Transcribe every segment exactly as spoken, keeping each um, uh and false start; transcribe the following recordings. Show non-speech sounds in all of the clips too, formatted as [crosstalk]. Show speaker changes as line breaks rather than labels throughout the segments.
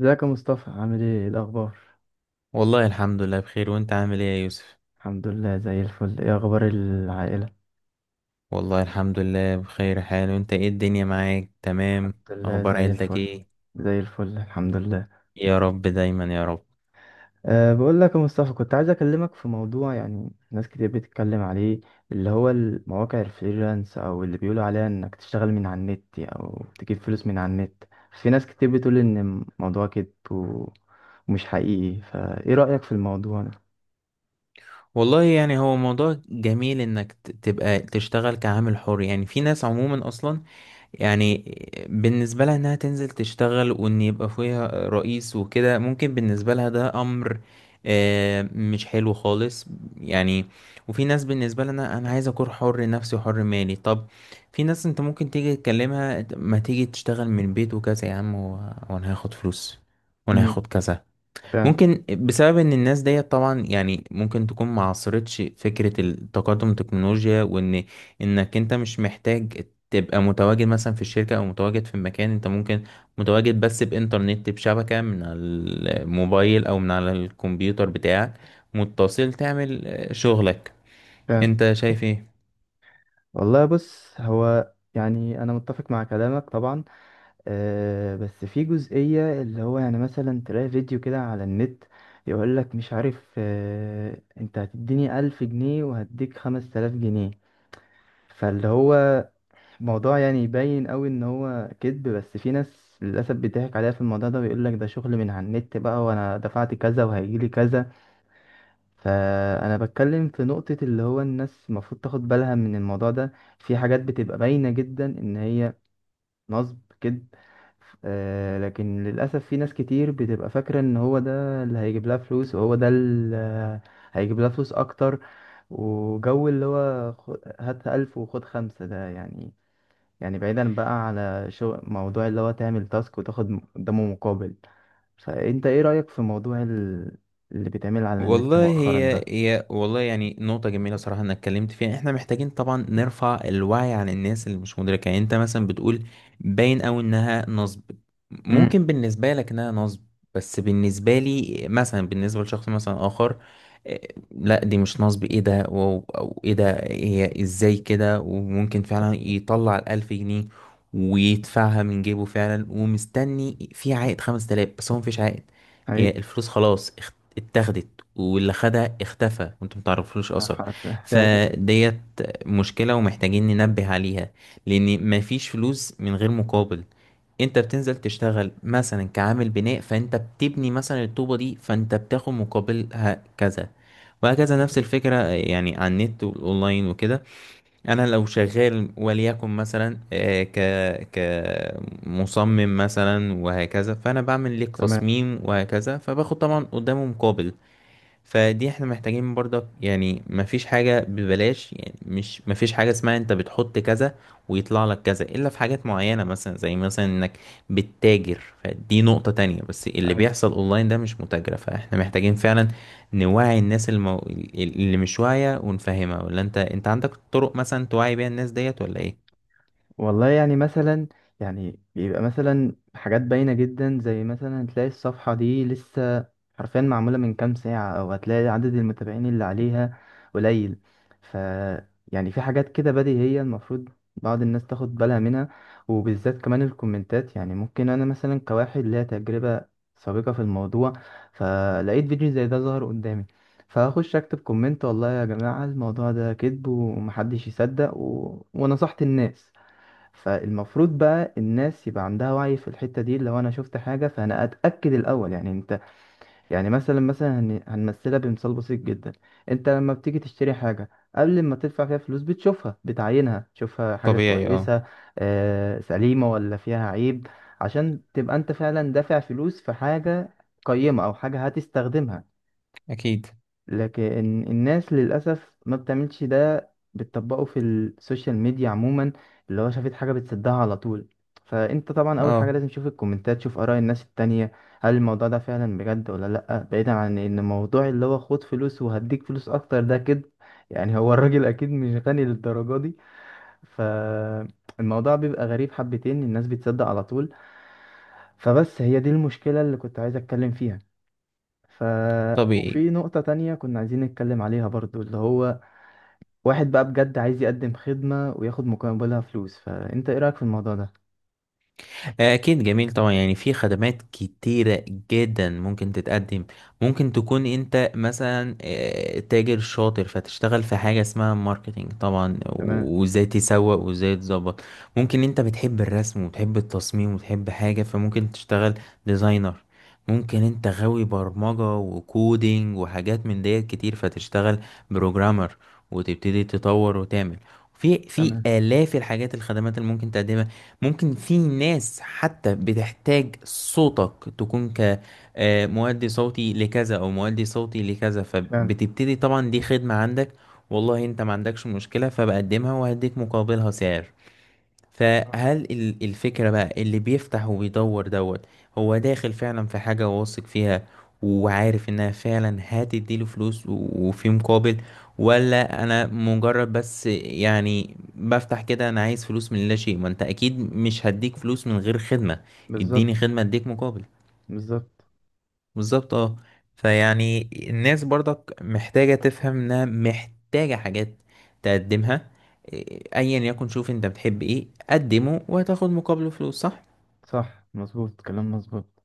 ازيك يا مصطفى؟ عامل ايه؟ إيه الاخبار؟
والله الحمد لله بخير، وانت عامل ايه يا يوسف؟
الحمد لله، زي الفل. ايه اخبار العائله؟
والله الحمد لله بخير حال. وانت ايه الدنيا معاك؟ تمام.
الحمد لله،
اخبار
زي
عيلتك
الفل.
ايه؟
زي الفل، الحمد لله.
يا رب دايما يا رب.
أه بقول لك يا مصطفى، كنت عايز اكلمك في موضوع يعني ناس كتير بتتكلم عليه، اللي هو المواقع الفريلانس او اللي بيقولوا عليها انك تشتغل من على النت او تجيب فلوس من على النت. في ناس كتير بتقول ان الموضوع كده ومش حقيقي، فايه رايك في الموضوع ده؟
والله يعني هو موضوع جميل انك ت- تبقى تشتغل كعامل حر. يعني في ناس عموما اصلا، يعني بالنسبة لها انها تنزل تشتغل وان يبقى فيها رئيس وكده، ممكن بالنسبة لها ده امر آه، مش حلو خالص. يعني، وفي ناس بالنسبة لها انا أنا عايز اكون حر نفسي وحر مالي. طب في ناس انت ممكن تيجي تكلمها: ما تيجي تشتغل من البيت وكذا يا عم، و- وانا هاخد فلوس، وانا
امم
هاخد كذا.
فعلا.
ممكن بسبب ان الناس ديت طبعا، يعني ممكن تكون ما عاصرتش فكرة التقدم التكنولوجيا، وان انك انت مش محتاج تبقى متواجد مثلا في الشركة او متواجد في المكان. انت ممكن متواجد بس بانترنت، بشبكة من على الموبايل او من على الكمبيوتر بتاعك، متصل تعمل آه، شغلك.
فعلا.
انت شايف إيه؟
والله، بص هو يعني انا متفق مع كلامك طبعا. آه، بس في جزئية اللي هو يعني مثلا تلاقي فيديو كده على النت، يقولك مش عارف، آه، انت هتديني ألف جنيه وهديك خمس تلاف جنيه. فاللي هو موضوع، يعني يبين قوي ان هو كذب، بس في ناس للأسف بيضحك عليها في الموضوع ده ويقولك ده شغل من على النت بقى، وانا دفعت كذا وهيجيلي كذا. فأنا بتكلم في نقطة اللي هو الناس المفروض تاخد بالها من الموضوع ده. في حاجات بتبقى باينة جدا ان هي نصب كده. آه لكن للأسف في ناس كتير بتبقى فاكرة إن هو ده اللي هيجيب لها فلوس، وهو ده اللي هيجيب لها فلوس أكتر. وجو اللي هو خ- هات ألف وخد خمسة ده، يعني يعني بعيدا بقى على شو موضوع اللي هو تعمل تاسك وتاخد م- قدامه مقابل. فأنت إيه رأيك في موضوع ال- اللي بيتعمل على النت
والله
مؤخرا ده؟
هي هي والله يعني نقطة جميلة صراحة انك اتكلمت فيها. احنا محتاجين طبعا نرفع الوعي عن الناس اللي مش مدركة. يعني انت مثلا بتقول باين اوي انها نصب.
امم
ممكن بالنسبة لك انها نصب، بس بالنسبة لي مثلا، بالنسبة لشخص مثلا اخر، آه، لا دي مش نصب، ايه ده، واو، او ايه ده، هي ازاي كده. وممكن فعلا يطلع الالف جنيه ويدفعها من جيبه فعلا، ومستني في عائد خمسة آلاف، بس هو مفيش عائد. هي
حقيقي.
الفلوس خلاص اخت- اتاخدت، واللي خدها اختفى، وانتم متعرفلوش
[laughs]
اثر.
أيوة، فعلا.
فديت مشكلة، ومحتاجين ننبه عليها. لان مفيش فلوس من غير مقابل. انت بتنزل تشتغل مثلا كعامل بناء، فانت بتبني مثلا الطوبة دي، فانت بتاخد مقابلها كذا، وهكذا. نفس الفكرة يعني على النت والأونلاين وكده. أنا لو شغال وليكن مثلا آه، ك كمصمم مثلا وهكذا، فأنا بعمل لك
تمام.
تصميم وهكذا، فباخد طبعا قدامه مقابل. فدي احنا محتاجين برضك. يعني مفيش حاجة ببلاش. يعني مش مفيش حاجة اسمها انت بتحط كذا ويطلع لك كذا، الا في حاجات معينة مثلا، زي مثلا انك بتتاجر. فدي نقطة تانية، بس اللي بيحصل اونلاين ده مش متاجرة. فاحنا محتاجين فعلا نوعي الناس المو... اللي مش واعية ونفهمها. ولا انت انت عندك طرق مثلا توعي بيها الناس ديت، ولا ايه؟
والله، يعني مثلا، يعني بيبقى مثلا حاجات باينة جدا، زي مثلا تلاقي الصفحة دي لسه حرفيا معمولة من كام ساعة، أو هتلاقي عدد المتابعين اللي عليها قليل. ف يعني في حاجات كده بديهية، المفروض بعض الناس تاخد بالها منها. وبالذات كمان الكومنتات، يعني ممكن أنا مثلا كواحد ليا تجربة سابقة في الموضوع، فلقيت فيديو زي ده ظهر قدامي، فاخش اكتب كومنت: والله يا جماعة، الموضوع ده كذب ومحدش يصدق، و... ونصحت الناس. فالمفروض بقى الناس يبقى عندها وعي في الحتة دي. لو انا شفت حاجة فانا اتأكد الاول، يعني انت يعني مثلا مثلا هن- هنمثلها بمثال بسيط جدا. انت لما بتيجي تشتري حاجة، قبل ما تدفع فيها فلوس بتشوفها، بتعاينها، تشوفها حاجة
طبيعي اه.
كويسة، آه، سليمة ولا فيها عيب، عشان تبقى انت فعلا دافع فلوس في حاجة قيمة او حاجة هتستخدمها.
اكيد
لكن الناس للأسف ما بتعملش ده، بتطبقه في السوشيال ميديا عموما، اللي هو شافت حاجة بتصدها على طول. فأنت طبعا أول حاجة
اه.
لازم تشوف الكومنتات، تشوف آراء الناس التانية. هل الموضوع ده فعلا بجد ولا لأ؟ بعيدا عن إن الموضوع اللي هو خد فلوس وهديك فلوس أكتر ده، كده يعني هو الراجل أكيد مش غني للدرجة دي. فالموضوع بيبقى غريب حبتين، الناس بتصدق على طول. فبس هي دي المشكلة اللي كنت عايز أتكلم فيها. ف
طبيعي.
وفي نقطة تانية كنا عايزين نتكلم عليها برضو، اللي هو واحد بقى بجد عايز يقدم خدمة وياخد مقابلها فلوس، فأنت إيه رأيك في الموضوع ده؟
آه، أكيد جميل طبعا. يعني في خدمات كتيرة جدا ممكن تتقدم. ممكن تكون أنت مثلا آه، تاجر شاطر، فتشتغل في حاجة اسمها ماركتينج طبعا،
تمام.
وإزاي تسوق وإزاي تظبط. ممكن أنت بتحب الرسم وتحب التصميم وتحب حاجة، فممكن تشتغل ديزاينر. ممكن أنت غاوي برمجة وكودينج وحاجات من ديت كتير، فتشتغل بروجرامر وتبتدي تطور وتعمل. في في
تمام.
آلاف الحاجات الخدمات اللي ممكن تقدمها. ممكن في ناس حتى بتحتاج صوتك، تكون كمؤدي صوتي لكذا او مؤدي صوتي لكذا،
فعلا.
فبتبتدي طبعا. دي خدمة عندك، والله انت ما عندكش مشكلة، فبقدمها وهديك مقابلها سعر.
آه.
فهل ال- الفكرة بقى اللي بيفتح وبيدور دوت، هو داخل فعلا في حاجة واثق فيها، وعارف انها فعلا هتديله فلوس و- وفي مقابل، ولا انا مجرد بس يعني بفتح كده، انا عايز فلوس من لا شيء؟ ما انت اكيد مش هديك فلوس من غير خدمة. اديني
بالظبط.
خدمة اديك مقابل.
بالظبط.
بالظبط اه. فيعني الناس برضك محتاجة تفهم انها محتاجة حاجات تقدمها. إيه، ايا يكن، شوف انت بتحب ايه، قدمه وهتاخد مقابله فلوس، صح؟
صح، مظبوط، كلام مظبوط.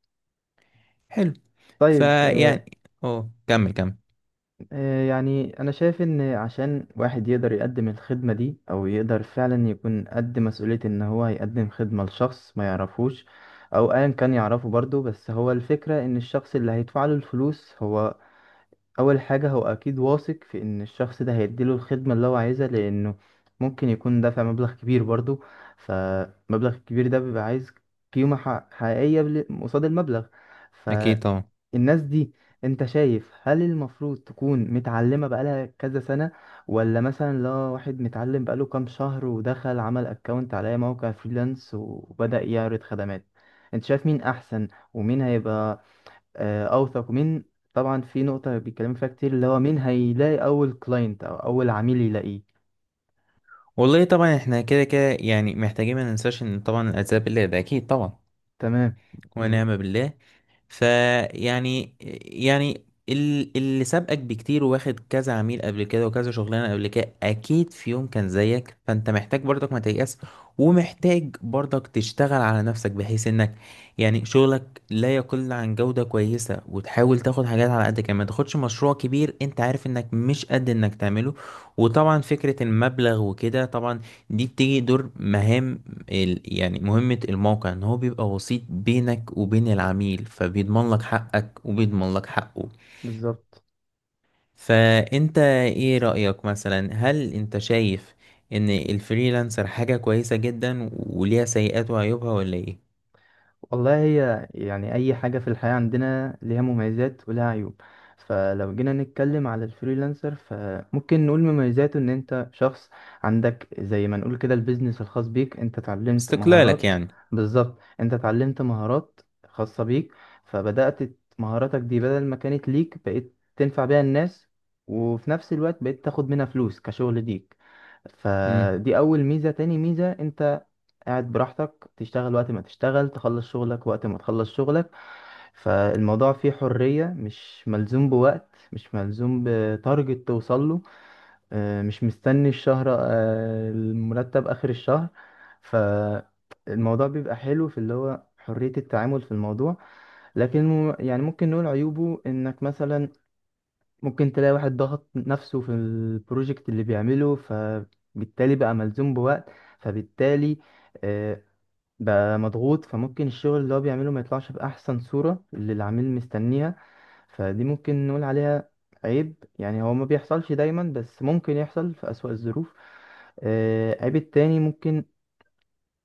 حلو.
طيب، آه.
فيعني اه، كمل كمل.
آه يعني أنا شايف إن عشان واحد يقدر يقدم الخدمة دي أو يقدر فعلا يكون قد مسؤولية إن هو يقدم خدمة لشخص ما يعرفوش، أو أيا كان يعرفه برضه، بس هو الفكرة إن الشخص اللي هيدفع له الفلوس هو اول حاجه هو اكيد واثق في ان الشخص ده هيديله الخدمه اللي هو عايزها، لانه ممكن يكون دافع مبلغ كبير برضو، فمبلغ الكبير ده بيبقى عايز قيمه ح- حقيقيه بل- قصاد المبلغ. فالناس
اكيد طبعا.
دي، انت شايف هل المفروض تكون متعلمه بقالها كذا سنه، ولا مثلا لا، واحد متعلم بقاله كام شهر ودخل عمل اكونت على أي موقع فريلانس وبدأ يعرض خدمات؟ انت شايف مين احسن، ومين هيبقى آه، اوثق مين؟ طبعا في نقطة بيتكلموا فيها كتير، اللي هو مين هيلاقي اول كلاينت او اول عميل يلاقيه.
والله طبعا احنا كده كده، يعني محتاجين ما ننساش ان طبعا العذاب الله ده اكيد طبعا.
تمام. بالظبط.
ونعم بالله. فيعني، يعني يعني ال- اللي سابقك بكتير وواخد كذا عميل قبل كده وكذا شغلانه قبل كده، اكيد في يوم كان زيك. فانت محتاج برضك ما تيأس، ومحتاج برضك تشتغل على نفسك، بحيث انك يعني شغلك لا يقل عن جوده كويسه، وتحاول تاخد حاجات على قدك. يعني ما تاخدش مشروع كبير انت عارف انك مش قد انك تعمله. وطبعا فكره المبلغ وكده طبعا دي بتيجي دور مهام. ال- يعني مهمة الموقع ان هو بيبقى وسيط بينك وبين العميل، فبيضمن لك حقك وبيضمن لك حقه.
بالظبط.
فانت ايه رأيك مثلا؟ هل انت شايف ان الفريلانسر حاجة كويسة جدا وليها سيئات وعيوبها، ولا ايه؟
والله، هي يعني أي حاجة في الحياة عندنا ليها مميزات ولها عيوب. فلو جينا نتكلم على الفريلانسر، فممكن نقول مميزاته إن أنت شخص عندك زي ما نقول كده البيزنس الخاص بيك، أنت اتعلمت
استقلالك
مهارات.
يعني.
بالظبط. أنت اتعلمت مهارات خاصة بيك، فبدأت مهاراتك دي، بدل ما كانت ليك بقيت تنفع بيها الناس، وفي نفس الوقت بقيت تاخد منها فلوس كشغل ليك.
مم.
فدي أول ميزة. تاني ميزة، أنت قاعد براحتك، تشتغل وقت ما تشتغل، تخلص شغلك وقت ما تخلص شغلك. فالموضوع فيه حرية، مش ملزوم بوقت، مش ملزوم بتارجت توصل له، آه، مش مستني الشهر، آه، المرتب آخر الشهر. فالموضوع بيبقى حلو في اللي هو حرية التعامل في الموضوع. لكن مو- يعني ممكن نقول عيوبه انك مثلا ممكن تلاقي واحد ضغط نفسه في البروجكت اللي بيعمله، فبالتالي بقى ملزوم بوقت، فبالتالي آه، بقى مضغوط، فممكن الشغل اللي هو بيعمله ما يطلعش بأحسن صورة اللي العميل مستنيها. فدي ممكن نقول عليها عيب. يعني هو ما بيحصلش دايما، بس ممكن يحصل في أسوأ الظروف. آه، عيب التاني، ممكن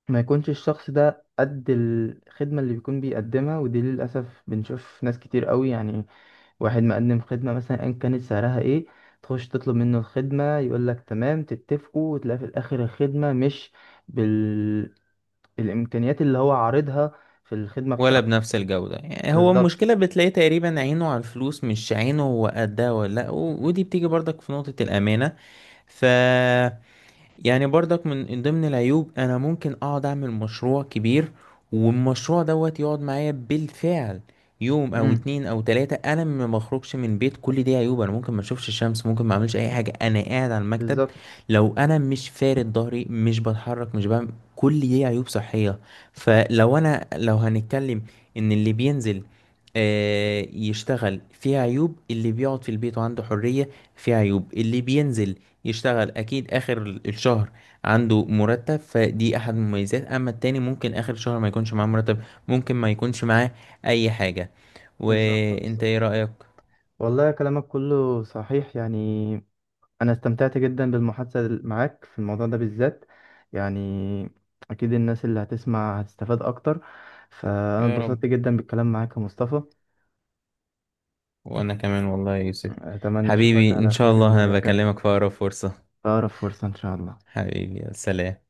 ما يكونش الشخص ده قد الخدمة اللي بيكون بيقدمها، ودي للأسف بنشوف ناس كتير قوي يعني. واحد مقدم خدمة مثلا أيا كانت سعرها ايه، تخش تطلب منه الخدمة يقولك تمام، تتفقوا، وتلاقي في الآخر الخدمة مش بالمستوى، الامكانيات اللي هو عارضها في الخدمه
ولا
بتاعته.
بنفس الجودة. يعني هو
بالظبط.
المشكلة بتلاقي تقريبا عينه على الفلوس، مش عينه هو قدها ولا لأ، و- ودي بتيجي برضك في نقطة الأمانة. ف، يعني برضك من ضمن العيوب انا ممكن اقعد اعمل مشروع كبير، والمشروع دوت يقعد معايا بالفعل يوم او
امم
اتنين او تلاتة، انا ما بخرجش من بيت. كل دي عيوب. انا ممكن ما اشوفش الشمس، ممكن ما اعملش اي حاجة، انا قاعد على المكتب،
بالظبط،
لو انا مش فارد ظهري، مش بتحرك، مش بعمل. كل دي عيوب صحية. فلو انا، لو هنتكلم ان اللي بينزل آه، يشتغل فيها عيوب، اللي بيقعد في البيت وعنده حرية فيها عيوب. اللي بينزل يشتغل اكيد اخر الشهر عنده مرتب، فدي احد المميزات. اما التاني ممكن اخر الشهر ما يكونش معاه مرتب، ممكن ما يكونش معاه اي حاجة.
بالظبط،
وانت
بالظبط.
ايه رأيك؟
والله، كلامك كله صحيح يعني. انا استمتعت جدا بالمحادثه معاك في الموضوع ده بالذات، يعني اكيد الناس اللي هتسمع هتستفاد اكتر. فانا
يا
اتبسطت
رب.
جدا بالكلام معاك يا مصطفى.
وانا كمان والله يا يوسف.
اتمنى اشوفك
حبيبي ان
على
شاء
خير
الله انا
المره الجايه،
بكلمك في اقرب فرصة.
في اقرب فرصه ان شاء الله.
حبيبي يا سلام.